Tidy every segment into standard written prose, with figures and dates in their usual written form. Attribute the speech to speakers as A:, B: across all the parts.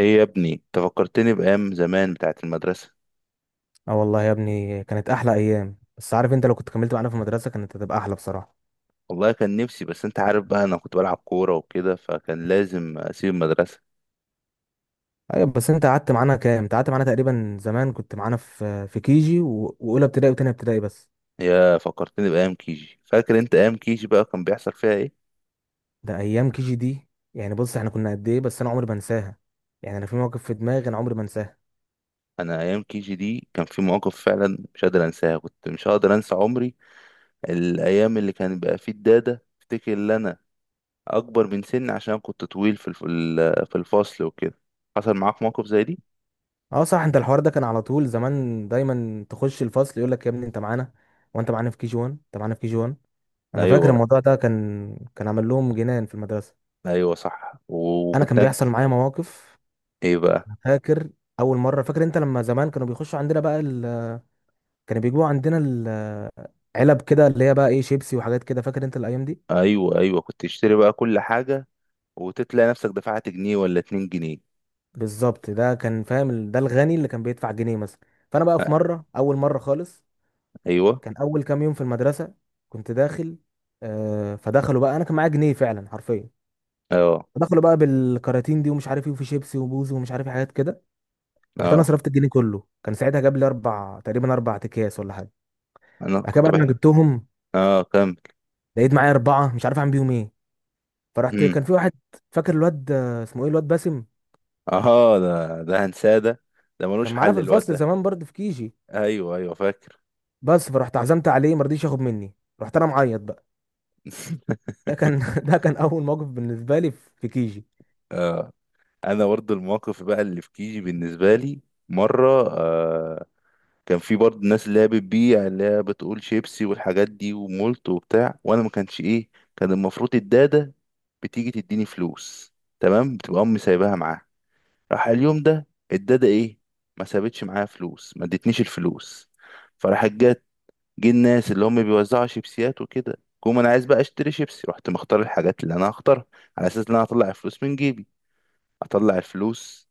A: ايه يا ابني تفكرتني بايام زمان بتاعه المدرسه.
B: اه والله يا ابني، كانت احلى ايام. بس عارف انت، لو كنت كملت معانا في المدرسه كانت هتبقى احلى بصراحه.
A: والله كان نفسي، بس انت عارف بقى، انا كنت بلعب كوره وكده فكان لازم اسيب المدرسه.
B: ايوه، بس انت قعدت معانا كام؟ انت قعدت معانا تقريبا. زمان كنت معانا في كيجي واولى ابتدائي وتانية ابتدائي بس.
A: يا فكرتني بايام كيجي. فاكر انت ايام كيجي بقى كان بيحصل فيها ايه؟
B: ده ايام كيجي دي، يعني بص احنا كنا قد ايه، بس انا عمري ما انساها. يعني انا في موقف في دماغي انا عمري ما انساها.
A: انا ايام كيجي دي كان في مواقف فعلا مش قادر انساها، كنت مش هقدر انسى عمري. الايام اللي كان بقى فيه الداده افتكر ان انا اكبر من سني عشان كنت طويل في الفصل وكده. حصل معاك موقف زي دي؟
B: اه صح، انت الحوار ده كان على طول زمان، دايما تخش الفصل يقول لك يا ابني انت معانا، وانت معانا في كيجي 1، انت معانا في كيجي 1. انا فاكر
A: ايوه،
B: الموضوع ده كان عامل لهم جنان في المدرسه.
A: ايوه صح.
B: انا كان بيحصل معايا مواقف.
A: ايه بقى؟
B: فاكر اول مره، فاكر انت لما زمان كانوا بيخشوا عندنا بقى ال...، كانوا بيجيبوا عندنا ال... علب كده اللي هي بقى ايه، شيبسي وحاجات كده، فاكر انت الايام دي؟
A: ايوه، ايوه كنت تشتري بقى كل حاجه، وتتلاقي نفسك دفعت جنيه ولا اتنين جنيه.
B: بالظبط، ده كان فاهم، ده الغني اللي كان بيدفع جنيه مثلا. فانا بقى في
A: آه،
B: مره، اول مره خالص،
A: ايوه.
B: كان اول كام يوم في المدرسه، كنت داخل. آه، فدخلوا بقى، انا كان معايا جنيه فعلا حرفيا.
A: اه.
B: فدخلوا بقى بالكراتين دي ومش عارف ايه، وفي شيبسي وبوز ومش عارف إيه حاجات كده. رحت انا
A: اه.
B: صرفت الجنيه كله، كان ساعتها جاب لي اربع، تقريبا اربع اكياس ولا حاجه.
A: انا
B: بعد كده،
A: كنت
B: بعد ما
A: بحب.
B: جبتهم،
A: اه، كمل.
B: لقيت معايا اربعه مش عارف اعمل بيهم ايه. فرحت
A: مم.
B: كان في واحد، فاكر الواد اسمه ايه، الواد باسم؟
A: اه، ده هنساه ده، ده ملوش
B: كان معانا
A: حل
B: في
A: الواد
B: الفصل
A: ده.
B: زمان برضه في كيجي.
A: ايوه، ايوه فاكر.
B: بس فرحت عزمت عليه، ما رضيش ياخد مني. رحت انا معيط بقى. ده كان ده كان اول موقف بالنسبه لي في كيجي.
A: آه. انا برضو الموقف بقى اللي في كيجي بالنسبه لي مره، كان في برضه الناس اللي هي بتبيع، اللي هي بتقول شيبسي والحاجات دي ومولت وبتاع، وانا ما كانش ايه. كان المفروض الدادة بتيجي تديني فلوس، تمام، بتبقى امي سايباها معاها. راح اليوم ده الدادة ايه، ما سابتش معايا فلوس، ما ادتنيش الفلوس. فراحت جت، جه الناس اللي هم بيوزعوا شيبسيات وكده، قوم انا عايز بقى اشتري شيبسي، رحت مختار الحاجات اللي انا هختارها على اساس ان انا هطلع الفلوس من جيبي. اطلع الفلوس،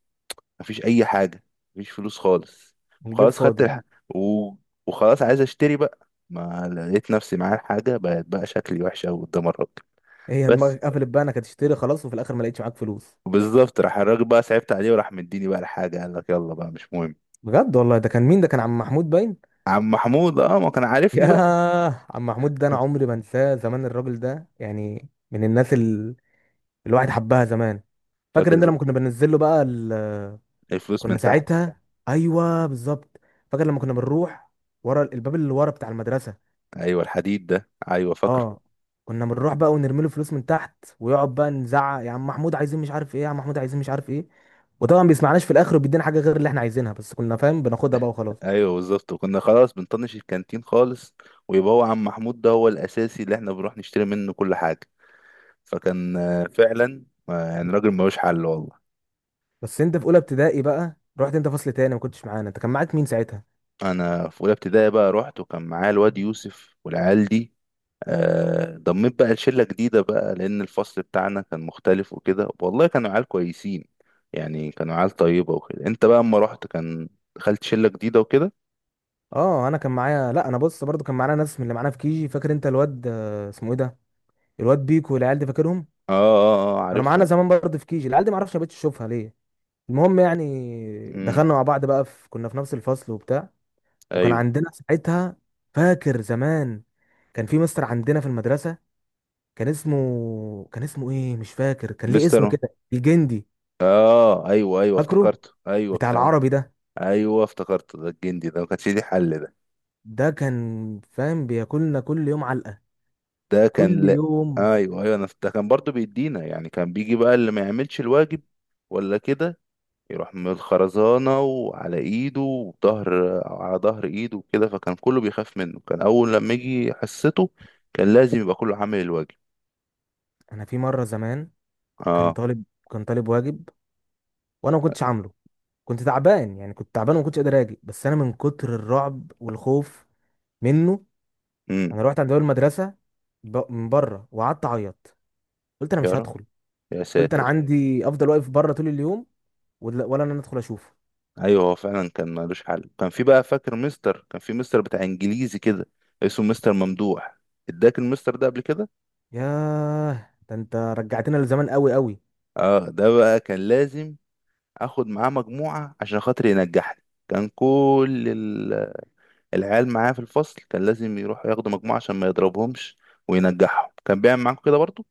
A: مفيش اي حاجه، مفيش فلوس خالص.
B: الجيب
A: خلاص،
B: فاضي.
A: و... وخلاص عايز اشتري بقى، ما لقيت نفسي معايا الحاجه، بقت بقى شكلي وحش قوي قدام الراجل.
B: هي
A: بس
B: دماغك قفلت بقى انك هتشتري خلاص، وفي الاخر ما لقيتش معاك فلوس.
A: بالظبط، راح الراجل بقى صعبت عليه وراح مديني بقى الحاجه، قال لك يلا بقى مش مهم.
B: بجد والله، ده كان مين؟ ده كان عم محمود باين.
A: عم محمود، اه، ما كان
B: يا
A: عارفني بقى.
B: عم محمود، ده انا عمري ما انساه. زمان الراجل ده يعني من الناس ال... الواحد حبها زمان. فاكر
A: فاكر،
B: ان لما كنا بننزل له بقى ال...
A: الفلوس من
B: كنا
A: تحت.
B: ساعتها، ايوه بالظبط. فاكر لما كنا بنروح ورا الباب اللي ورا بتاع المدرسه.
A: ايوه، الحديد ده، ايوه فاكره.
B: اه، كنا بنروح بقى ونرمي له فلوس من تحت، ويقعد بقى نزعق: يا عم محمود عايزين مش عارف ايه، يا عم محمود عايزين مش عارف ايه. وطبعا بيسمعناش، في الاخر وبيدينا حاجه غير اللي احنا عايزينها، بس كنا فاهم بناخدها بقى وخلاص.
A: ايوه بالظبط، وكنا خلاص بنطنش الكانتين خالص، ويبقى هو عم محمود ده هو الاساسي اللي احنا بنروح نشتري منه كل حاجه. فكان فعلا، يعني راجل ملوش حل والله.
B: بس انت في اولى ابتدائي بقى رحت انت فصل تاني ما كنتش معانا، انت كان معاك مين ساعتها؟
A: انا في اولى ابتدائي بقى رحت وكان معايا الواد يوسف والعيال دي. ضميت بقى لشله جديده بقى لان الفصل بتاعنا كان مختلف وكده، والله كانوا عيال كويسين، يعني كانوا عيال طيبه وكده. انت بقى اما رحت كان دخلت شله جديده وكده.
B: اه انا كان معايا، لا انا بص، برضو كان معانا ناس من اللي معانا في كيجي. فاكر انت الواد اسمه ايه ده، الواد بيكو والعيال دي، فاكرهم؟
A: اه، اه، اه
B: كانوا معانا
A: عارفهم.
B: زمان برضو في كيجي، العيال دي ما اعرفش ما بقتش اشوفها ليه. المهم يعني
A: امم.
B: دخلنا مع بعض بقى، كنا في نفس الفصل وبتاع، وكان
A: ايوه.
B: عندنا ساعتها، فاكر زمان كان في مستر عندنا في المدرسة، كان اسمه ايه مش فاكر، كان ليه اسم
A: مستر.
B: كده الجندي.
A: اه، ايوه، ايوه
B: فاكره،
A: افتكرته، ايوه
B: بتاع
A: بتاع.
B: العربي ده.
A: ايوه افتكرته، ده الجندي ده ما كانش ليه حل ده.
B: ده كان فاهم بياكلنا كل يوم علقة،
A: ده كان
B: كل
A: لا.
B: يوم.
A: ايوه، ايوه، انا ده كان برضو بيدينا، يعني كان بيجي بقى اللي ما يعملش الواجب ولا كده يروح من الخرزانة وعلى ايده وظهر، على ظهر ايده وكده، فكان كله بيخاف منه، كان اول لما يجي حسته كان لازم يبقى كله عامل الواجب.
B: انا في مرة زمان كان
A: اه.
B: طالب كان طالب واجب، وانا ما كنتش عامله. كنت تعبان، يعني كنت تعبان وما كنتش قادر اجي، بس انا من كتر الرعب والخوف منه،
A: امم.
B: انا رحت عند اول مدرسه من بره، وقعدت اعيط. قلت انا
A: يا
B: مش
A: رب،
B: هدخل.
A: يا
B: قلت انا
A: ساتر.
B: عندي افضل واقف بره طول اليوم، ولا انا ادخل اشوفه.
A: ايوه هو فعلا كان ملوش حل. كان في مستر بتاع انجليزي كده، اسمه مستر ممدوح. اداك المستر ده قبل كده؟
B: ياه ده انت رجعتنا لزمان قوي قوي.
A: اه، ده بقى كان لازم اخد معاه مجموعة عشان خاطر ينجحني. كان كل العيال معاه في الفصل كان لازم يروح ياخدوا مجموعة عشان ما يضربهمش وينجحهم. كان بيعمل معاكم كده برضه؟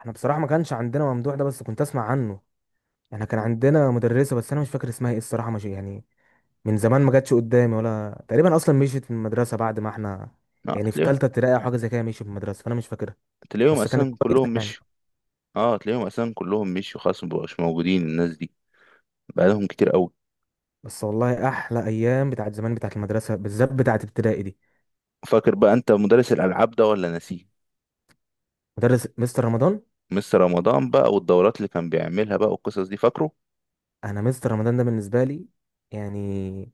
B: احنا بصراحه ما كانش عندنا ممدوح ده بس كنت اسمع عنه. احنا كان عندنا مدرسه بس انا مش فاكر اسمها ايه الصراحه، مش يعني من زمان ما جاتش قدامي ولا تقريبا، اصلا مشيت من المدرسه بعد ما احنا،
A: اه،
B: يعني في
A: تلاقيهم،
B: ثالثه ابتدائي او حاجه زي كده مشيت من المدرسه، فانا مش فاكرها.
A: تلاقيهم
B: بس كانت
A: اساسا
B: كويسه
A: كلهم
B: يعني.
A: مشيوا. اه، تلاقيهم اساسا كلهم مشيوا، خلاص مبقوش موجودين الناس دي، بقالهم كتير قوي.
B: بس والله احلى ايام بتاعت زمان، بتاعت المدرسه، بالذات بتاعت ابتدائي دي.
A: فاكر بقى انت مدرس الالعاب ده ولا نسيه؟
B: مدرس مستر رمضان.
A: مستر رمضان بقى، والدورات اللي كان بيعملها بقى، والقصص دي فاكره؟
B: انا مستر رمضان ده بالنسبه لي، يعني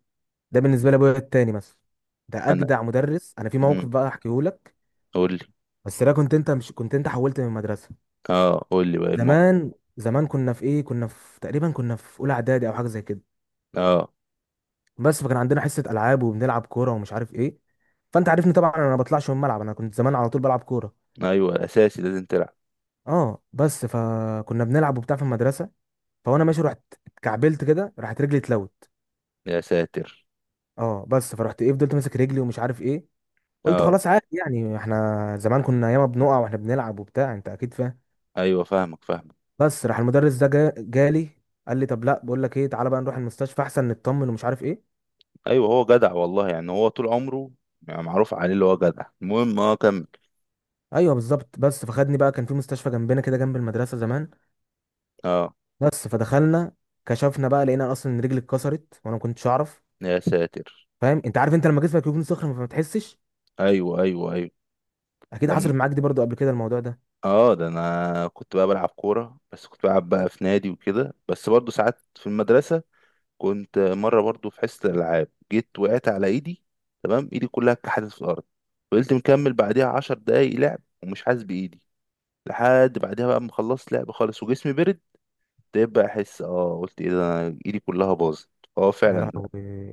B: ده بالنسبه لي ابويا التاني مثلا. ده
A: انا.
B: اجدع مدرس، انا في
A: امم.
B: موقف بقى احكيه لك.
A: قول لي.
B: بس ده كنت انت، مش كنت انت حولت من المدرسه.
A: اه، قول لي بقى الموقف.
B: زمان زمان كنا في ايه، كنا في تقريبا كنا في اولى اعدادي او حاجه زي كده.
A: اه.
B: بس فكان عندنا حصه العاب وبنلعب كوره ومش عارف ايه. فانت عارفني طبعا انا ما بطلعش من الملعب، انا كنت زمان على طول بلعب كوره.
A: ايوه اساسي لازم تلعب.
B: اه، بس فكنا بنلعب وبتاع في المدرسه. فوانا ماشي، رحت اتكعبلت كده، راحت رجلي اتلوت.
A: يا ساتر.
B: اه، بس فرحت ايه، فضلت ماسك رجلي ومش عارف ايه. قلت
A: اه،
B: خلاص عادي يعني، احنا زمان كنا ياما بنقع واحنا بنلعب وبتاع، انت اكيد فاهم.
A: ايوه فاهمك، فاهمك.
B: بس راح المدرس ده جالي، قال لي طب لا بقول لك ايه، تعالى بقى نروح المستشفى احسن نطمن ومش عارف ايه.
A: ايوه هو جدع والله، يعني هو طول عمره، يعني معروف عليه اللي هو جدع. المهم، اه كمل.
B: ايوه بالظبط. بس فخدني بقى، كان في مستشفى جنبنا كده جنب المدرسه زمان.
A: اه.
B: بس فدخلنا، كشفنا بقى، لقينا اصلا ان رجلي اتكسرت وانا ما كنتش اعرف.
A: يا ساتر.
B: فاهم انت، عارف انت لما جسمك يكون صخر فما تحسش؟
A: ايوه، ايوه، ايوه.
B: اكيد
A: لم.
B: حصل معاك دي برضو قبل كده الموضوع ده.
A: اه، ده انا كنت بقى بلعب كوره، بس كنت بلعب بقى في نادي وكده، بس برضو ساعات في المدرسه كنت مره برضو في حصه الالعاب جيت وقعت على ايدي. تمام، ايدي كلها اتكحلت في الارض. فضلت مكمل بعديها 10 دقايق لعب ومش حاسس بايدي. لحد بعدها بقى ما خلصت لعب خالص وجسمي برد، ابتديت بقى احس، قلت ايه ده، انا ايدي كلها باظت. اه،
B: يا
A: فعلا.
B: لهوي،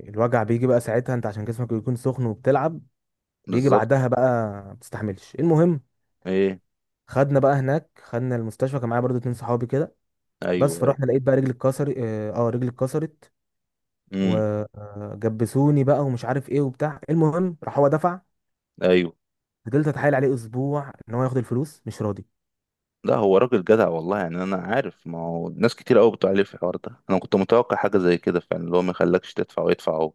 B: الوجع بيجي بقى ساعتها، انت عشان جسمك يكون سخن وبتلعب، بيجي
A: بالظبط.
B: بعدها بقى ما بتستحملش. المهم،
A: ايه.
B: خدنا بقى هناك، خدنا المستشفى، كان معايا برضو اتنين صحابي كده.
A: ايوه،
B: بس
A: ايوه.
B: فرحنا، لقيت بقى رجلي اتكسر، اه رجلي اتكسرت.
A: امم.
B: وجبسوني بقى ومش عارف ايه وبتاع. المهم راح هو دفع.
A: ايوه.
B: فضلت اتحايل عليه اسبوع ان هو ياخد الفلوس، مش راضي.
A: لا، هو راجل جدع والله، يعني انا عارف، ما هو ناس كتير قوي بتقول عليه في الحوار ده، انا كنت متوقع حاجه زي كده فعلا، اللي هو ما يخلكش تدفع ويدفع هو.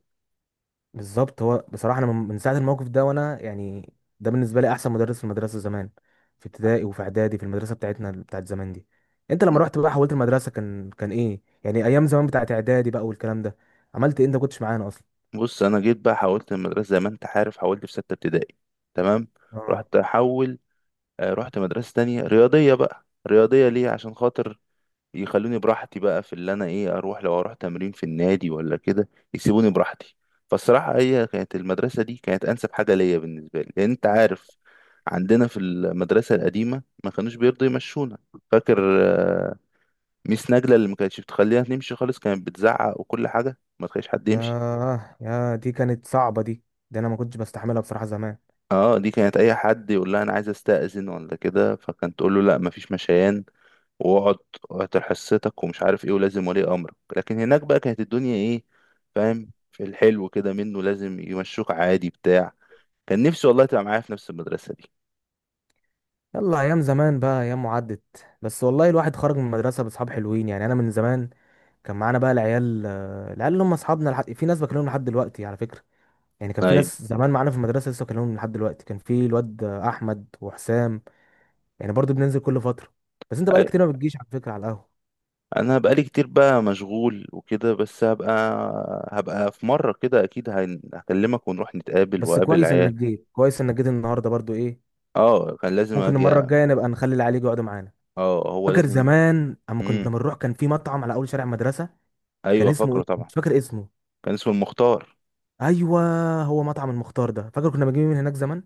B: بالظبط. هو بصراحه انا من ساعه الموقف ده وانا يعني ده بالنسبه لي احسن مدرس في المدرسه زمان، في ابتدائي وفي اعدادي في المدرسه بتاعتنا بتاعت زمان دي. انت
A: لا.
B: لما رحت بقى حولت المدرسه، كان ايه يعني ايام زمان بتاعت اعدادي بقى والكلام ده، عملت ايه انت ما كنتش معانا اصلا؟
A: بص، انا جيت بقى حولت المدرسه زي ما انت عارف، حولت في سته ابتدائي، تمام.
B: اه.
A: رحت احول. رحت مدرسه تانية رياضيه بقى، رياضيه ليه؟ عشان خاطر يخلوني براحتي بقى، في اللي انا ايه، اروح لو اروح تمرين في النادي ولا كده يسيبوني براحتي. فالصراحة هي كانت المدرسة دي كانت انسب حاجة ليا بالنسبة لي، لان انت عارف عندنا في المدرسة القديمة ما كانوش بيرضوا يمشونا. فاكر آه، ميس نجلة اللي ما كانتش بتخلينا نمشي خالص، كانت بتزعق وكل حاجة، ما تخليش حد يمشي.
B: ياه، يا دي كانت صعبة دي. دي أنا ما كنتش بستحملها بصراحة زمان.
A: اه، دي كانت اي حد يقول لها انا عايز استأذن ولا كده، فكانت تقول له لا مفيش مشيان، واقعد. وهتحسسك ومش عارف ايه، ولازم ولي امرك. لكن هناك بقى كانت الدنيا ايه، فاهم، في الحلو كده منه، لازم يمشوك عادي بتاع. كان نفسي والله تبقى معايا في نفس المدرسة دي.
B: يلا أيام زمان بقى، أيام وعدت. بس والله الواحد خرج من المدرسة بأصحاب حلوين، يعني أنا من زمان كان معانا بقى العيال، العيال اللي هم أصحابنا لحد... في ناس بكلمهم لحد دلوقتي على فكرة. يعني كان في
A: ايوه.
B: ناس زمان معانا في المدرسة لسه بكلمهم لحد دلوقتي. كان في الواد أحمد وحسام، يعني برضو بننزل كل فترة. بس أنت بقالك
A: أيوة.
B: كتير ما بتجيش على فكرة على القهوة.
A: انا بقالي كتير بقى مشغول وكده، بس هبقى، هبقى في مرة كده اكيد هكلمك ونروح نتقابل
B: بس
A: واقابل
B: كويس إنك
A: العيال.
B: جيت، كويس إنك جيت النهاردة برضو إيه.
A: اه، كان لازم
B: ممكن
A: اجي
B: المرة
A: أ-
B: الجاية نبقى نخلي العيال يجوا يقعدوا معانا.
A: اه، هو
B: فاكر
A: لازم.
B: زمان اما كنا
A: امم.
B: بنروح كان في مطعم على اول شارع مدرسه، كان
A: ايوه،
B: اسمه
A: فاكره
B: ايه
A: طبعا.
B: مش فاكر اسمه.
A: كان اسمه المختار.
B: ايوه، هو مطعم المختار ده، فاكر كنا بنجيب من هناك زمان.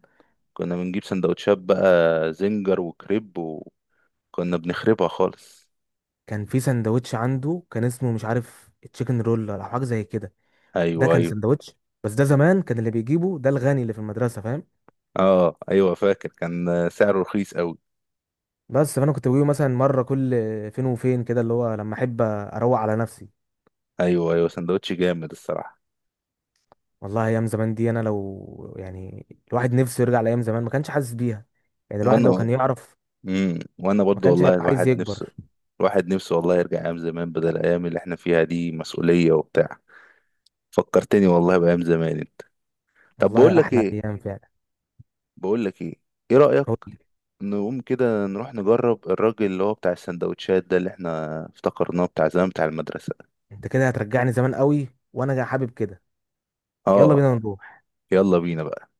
A: كنا بنجيب سندوتشات بقى، زنجر وكريب، وكنا بنخربها خالص.
B: كان في سندوتش عنده، كان اسمه مش عارف تشيكن رول او حاجه زي كده. ده
A: ايوه،
B: كان
A: ايوه.
B: سندوتش، بس ده زمان كان اللي بيجيبه ده الغني اللي في المدرسه، فاهم.
A: اه، ايوه، فاكر كان سعره رخيص قوي.
B: بس فانا كنت بجيبه مثلا مره كل فين وفين كده، اللي هو لما احب اروق على نفسي.
A: ايوه، ايوه، سندوتش جامد الصراحه.
B: والله ايام زمان دي، انا لو يعني الواحد نفسه يرجع لايام زمان، ما كانش حاسس بيها. يعني الواحد لو
A: وانا.
B: كان يعرف
A: امم. وانا
B: ما
A: برضو
B: كانش
A: والله
B: هيبقى عايز
A: الواحد نفسه،
B: يكبر.
A: الواحد نفسه والله يرجع ايام زمان بدل الايام اللي احنا فيها دي مسؤوليه وبتاع. فكرتني والله بايام زمان انت. طب بقول
B: والله
A: لك
B: احلى
A: ايه،
B: ايام فعلا.
A: بقول لك ايه، ايه رايك
B: قول لي.
A: نقوم كده نروح نجرب الراجل اللي هو بتاع السندوتشات ده اللي احنا افتكرناه بتاع زمان بتاع المدرسه؟
B: انت كده هترجعني زمان قوي، وانا حابب كده. يلا
A: اه.
B: بينا نروح.
A: يلا بينا بقى.